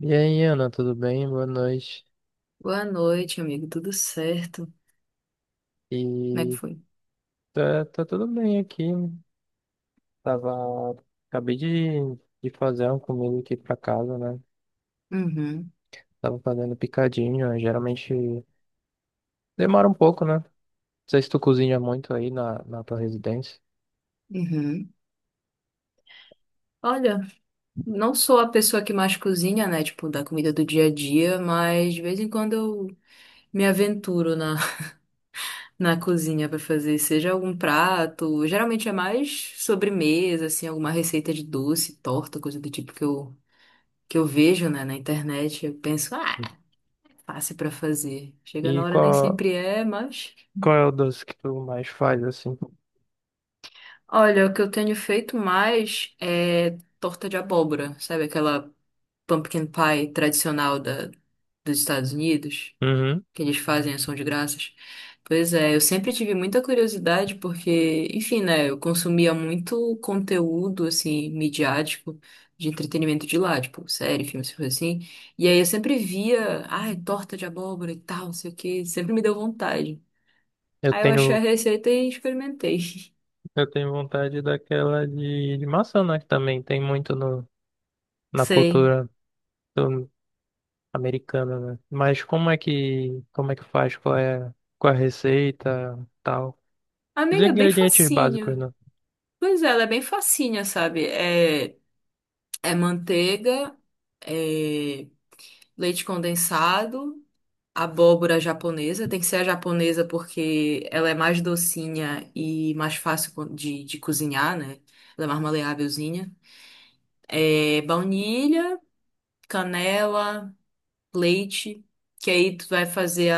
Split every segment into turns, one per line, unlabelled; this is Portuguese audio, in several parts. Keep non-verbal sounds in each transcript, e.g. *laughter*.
E aí, Ana, tudo bem? Boa noite.
Boa noite, amigo. Tudo certo? Como é que
E
foi?
tá, tá tudo bem aqui. Tava, acabei de, de fazer uma comida aqui pra casa, né?
Uhum,
Tava fazendo picadinho, né? Geralmente demora um pouco, né? Não sei se tu cozinha muito na tua residência.
uhum. Olha, não sou a pessoa que mais cozinha, né? Tipo, da comida do dia a dia, mas de vez em quando eu me aventuro na, *laughs* na cozinha pra fazer, seja algum prato. Geralmente é mais sobremesa, assim, alguma receita de doce, torta, coisa do tipo que eu vejo, né, na internet. Eu penso, ah, fácil pra fazer. Chega na
E
hora nem
qual,
sempre é, mas.
qual é o doce que tu mais faz, assim?
Olha, o que eu tenho feito mais é torta de abóbora, sabe? Aquela pumpkin pie tradicional dos Estados Unidos,
Uhum.
que eles fazem ação de graças. Pois é, eu sempre tive muita curiosidade porque, enfim, né, eu consumia muito conteúdo, assim, midiático, de entretenimento de lá, tipo, série, filmes, coisas assim. E aí eu sempre via, ai, torta de abóbora e tal, não sei o quê, sempre me deu vontade.
Eu
Aí eu achei a
tenho,
receita e experimentei. *laughs*
eu tenho vontade daquela de maçã, né? Que também tem muito no, na
Sei.
cultura americana, né? Mas como é que faz? Qual é a receita, tal? Os
Amiga, é bem
ingredientes básicos,
facinho.
né?
Pois é, ela é bem facinha, sabe? É, é manteiga, é leite condensado, abóbora japonesa. Tem que ser a japonesa porque ela é mais docinha e mais fácil co- de cozinhar, né? Ela é mais maleávelzinha. É baunilha, canela, leite, que aí tu vai fazer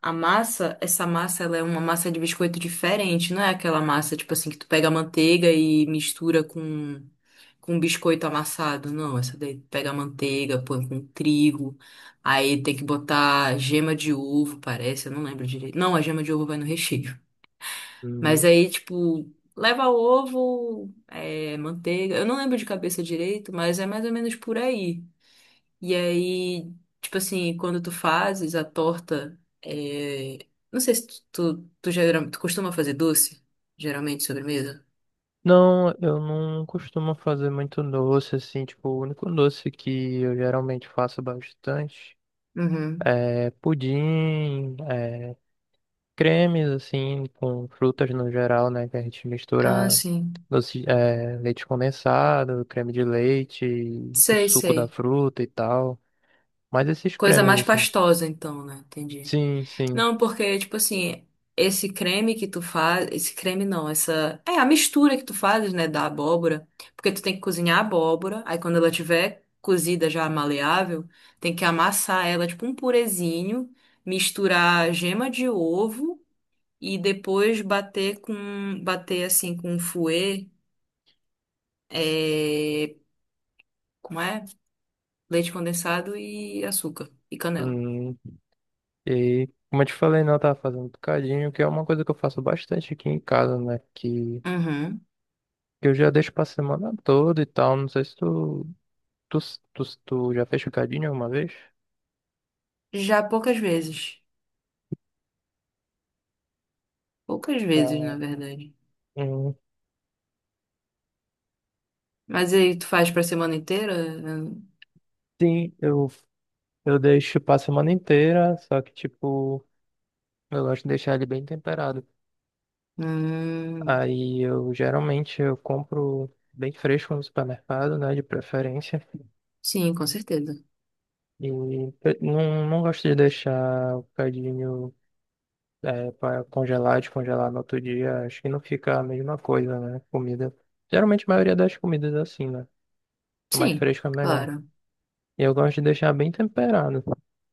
a massa. Essa massa, ela é uma massa de biscoito diferente, não é aquela massa, tipo assim, que tu pega a manteiga e mistura com biscoito amassado. Não, essa daí tu pega a manteiga, põe com trigo, aí tem que botar gema de ovo, parece, eu não lembro direito. Não, a gema de ovo vai no recheio. Mas
Uhum.
aí, tipo, leva ovo, é, manteiga, eu não lembro de cabeça direito, mas é mais ou menos por aí. E aí, tipo assim, quando tu fazes a torta, é, não sei se tu, geral- tu costuma fazer doce, geralmente sobremesa.
Não, eu não costumo fazer muito doce, assim, tipo, o único doce que eu geralmente faço bastante
Uhum.
é pudim, é cremes, assim, com frutas no geral, né, que a gente
Ah,
mistura
sim.
doce, é, leite condensado, creme de leite, o
Sei,
suco da
sei.
fruta e tal, mas esses
Coisa
cremes,
mais
assim.
pastosa, então, né? Entendi.
Sim, sim.
Não, porque, tipo assim, esse creme que tu faz. Esse creme não, essa. É a mistura que tu fazes, né, da abóbora. Porque tu tem que cozinhar a abóbora, aí quando ela tiver cozida já maleável, tem que amassar ela, tipo um purezinho, misturar gema de ovo e depois bater com. Bater assim com fouet, é, como é? Leite condensado e açúcar e canela.
Hum, e como eu te falei, não, eu tava fazendo um bocadinho, que é uma coisa que eu faço bastante aqui em casa, né?
Uhum.
Que eu já deixo pra semana toda e tal. Não sei se tu, tu, tu, tu já fez bocadinho alguma vez?
Já poucas vezes. Poucas vezes, na
Tá.
verdade.
Hum,
Mas aí tu faz pra semana inteira?
sim, eu deixo pra semana inteira, só que tipo, eu gosto de deixar ele bem temperado.
Hum,
Aí eu geralmente eu compro bem fresco no supermercado, né? De preferência.
sim, com certeza.
E eu não gosto de deixar o bocadinho. É, para congelar e descongelar no outro dia, acho que não fica a mesma coisa, né? Comida. Geralmente a maioria das comidas é assim, né? Mais
Sim,
fresca é melhor.
claro.
E eu gosto de deixar bem temperado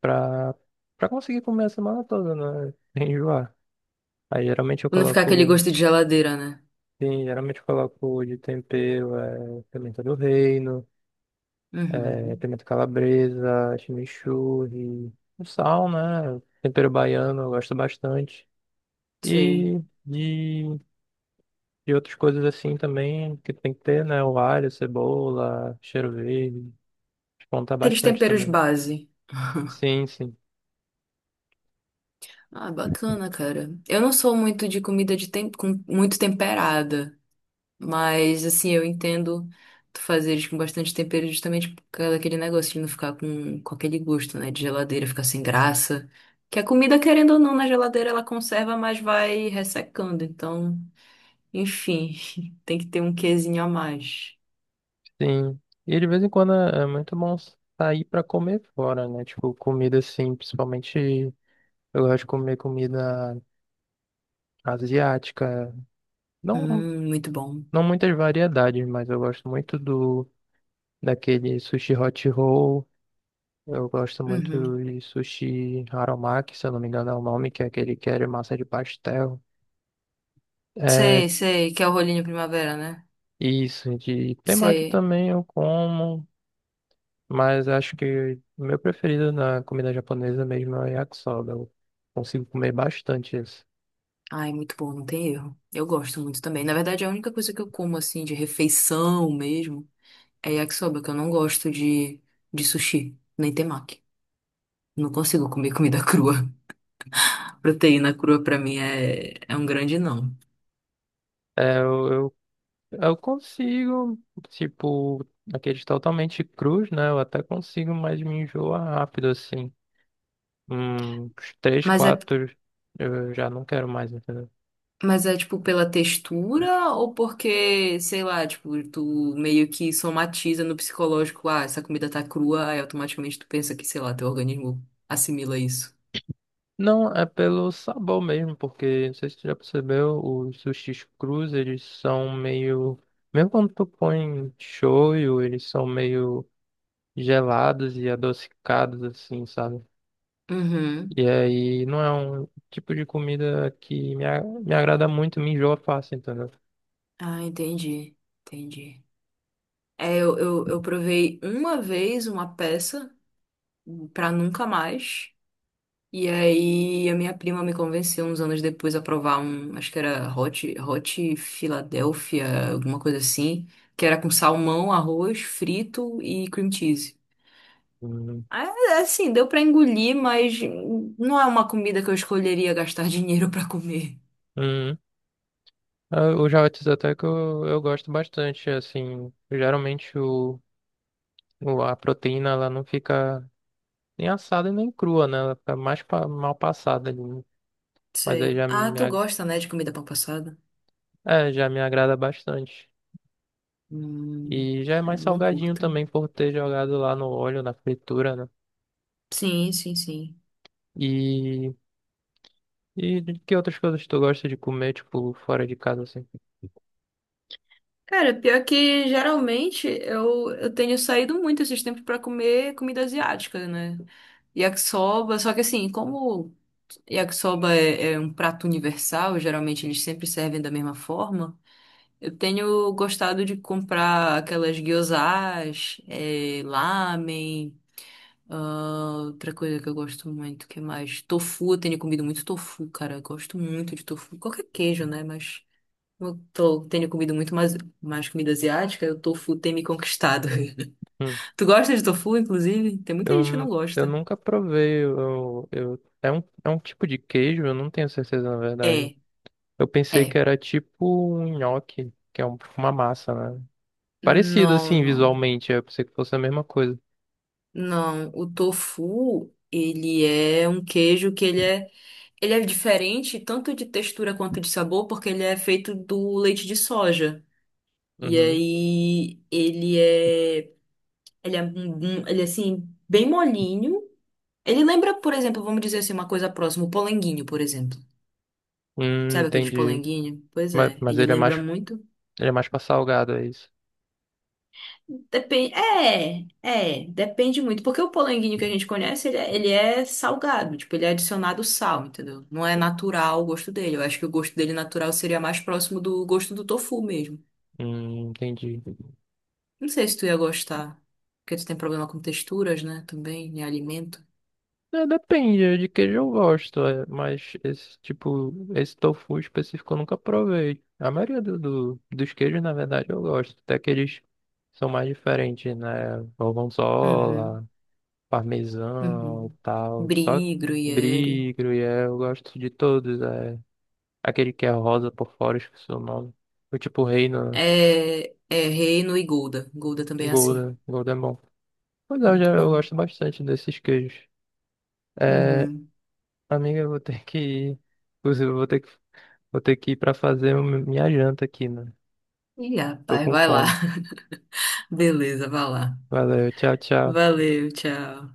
pra, pra conseguir comer a semana toda, né? *laughs* Sem enjoar. Aí geralmente eu
Pra não ficar aquele
coloco.
gosto de geladeira, né?
Sim, geralmente eu coloco de tempero é, pimenta do reino, é,
Uhum,
pimenta calabresa, chimichurri, o sal, né? Tempero baiano eu gosto bastante.
sei.
E de E outras coisas assim também que tem que ter, né? O alho, cebola, cheiro verde. Descontar
Aqueles
bastante
temperos
também.
base.
Sim, sim,
Ah, bacana, cara. Eu não sou muito de comida de tem... com muito temperada, mas assim, eu entendo tu fazer eles com bastante tempero justamente por causa daquele negócio de não ficar com aquele gosto, né? De geladeira, ficar sem graça. Que a comida, querendo ou não, na geladeira ela conserva, mas vai ressecando, então. Enfim, *laughs* tem que ter um quezinho a mais.
sim. E de vez em quando é muito bom sair pra comer fora, né? Tipo, comida assim, principalmente eu gosto de comer comida asiática. Não,
Muito bom.
não muitas variedades, mas eu gosto muito do daquele sushi hot roll. Eu gosto
Uhum.
muito de sushi haromaki, se eu não me engano é o nome, que é aquele que é de massa de pastel.
Sei,
é
sei, que é o rolinho primavera, né?
Isso, de temaki
Sei.
também eu como, mas acho que o meu preferido na comida japonesa mesmo é o yakisoba. Eu consigo comer bastante isso.
Ai, muito bom, não tem erro. Eu gosto muito também. Na verdade, a única coisa que eu como, assim, de refeição mesmo, é yakisoba, que eu não gosto de sushi, nem temaki. Não consigo comer comida crua. *laughs* Proteína crua, pra mim, é, é um grande não.
É, eu consigo, tipo, aqueles totalmente crus, né? Eu até consigo, mas me enjoa rápido, assim. Uns três,
Mas é
quatro, eu já não quero mais, entendeu?
Mas é tipo pela textura ou porque, sei lá, tipo, tu meio que somatiza no psicológico, ah, essa comida tá crua, aí automaticamente tu pensa que, sei lá, teu organismo assimila isso.
Não, é pelo sabor mesmo, porque não sei se tu já percebeu, os sushis crus, eles são meio. Mesmo quando tu põe shoyu, eles são meio gelados e adocicados, assim, sabe?
Uhum.
E aí não é um tipo de comida que me, me agrada muito, me enjoa fácil, entendeu?
Ah, entendi. Entendi. É, eu provei uma vez uma peça pra nunca mais. E aí a minha prima me convenceu uns anos depois a provar um, acho que era Hot Philadelphia, alguma coisa assim, que era com salmão, arroz frito e cream cheese.
Hum.
Ah, assim, deu pra engolir, mas não é uma comida que eu escolheria gastar *laughs* dinheiro pra comer.
Hum. Ah, o javetes até que eu gosto bastante, assim. A proteína ela não fica. Nem assada e nem crua, né? Ela fica mais mal passada ali, né? Mas aí
Sei.
já
Ah,
me,
tu gosta, né, de comida pão passada?
é, já me agrada bastante.
Hum,
E já é
é,
mais
eu não
salgadinho
curto.
também por ter jogado lá no óleo, na fritura, né?
Sim, sim, sim.
E, e de que outras coisas tu gosta de comer, tipo, fora de casa, assim?
Cara, pior que geralmente eu tenho saído muito esses tempos pra comer comida asiática, né? Yakisoba, só que assim, como yakisoba é, é um prato universal, geralmente eles sempre servem da mesma forma, eu tenho gostado de comprar aquelas gyozas, eh, lamen, ah, outra coisa que eu gosto muito, que mais? Tofu, eu tenho comido muito tofu, cara, eu gosto muito de tofu, qualquer queijo, né, mas eu tô- tenho comido muito mais, mais comida asiática, o tofu tem me conquistado. *laughs*
Hum,
Tu gosta de tofu, inclusive? Tem muita gente que não
eu
gosta.
nunca provei. É um tipo de queijo, eu não tenho certeza, na verdade.
É.
Eu pensei que
É.
era tipo um nhoque, que é uma massa, né? Parecido,
Não,
assim,
não.
visualmente. Eu pensei que fosse a mesma coisa.
Não, o tofu, ele é um queijo que ele é diferente tanto de textura quanto de sabor, porque ele é feito do leite de soja. E
Uhum.
aí ele é, um- um- ele é assim bem molinho. Ele lembra, por exemplo, vamos dizer assim, uma coisa próxima, o polenguinho, por exemplo. Sabe aqueles
Entendi.
polenguinho? Pois
Mas,
é,
mas
ele lembra muito.
ele é mais pra salgado, é isso?
Depende, é, é, depende muito, porque o polenguinho que a gente conhece, ele é salgado, tipo, ele é adicionado sal, entendeu? Não é natural o gosto dele. Eu acho que o gosto dele natural seria mais próximo do gosto do tofu mesmo.
Entendi.
Não sei se tu ia gostar, porque tu tem problema com texturas, né, também, em alimento.
É, depende de queijo eu gosto, é, mas esse tipo, esse tofu específico eu nunca provei. A maioria dos queijos, na verdade, eu gosto. Até que eles são mais diferentes, né?
Uhum,
Gorgonzola, parmesão e
uhum.
tal. Só
Brie, gruyere.
brie, gruyère, eu gosto de todos. É. Aquele que é rosa por fora, eu esqueci o nome. O tipo reino,
É, é reino e gouda. Gouda também é assim.
golden, golden bom. Pois é, eu, já,
Muito
eu
bom.
gosto bastante desses queijos. É,
Uhum.
amiga, eu vou ter que ir. Inclusive, eu vou ter que ir pra fazer minha janta aqui, né?
Ih,
Tô
rapaz,
com
vai lá.
fome.
*laughs* Beleza, vai lá.
Valeu, tchau, tchau.
Valeu, tchau.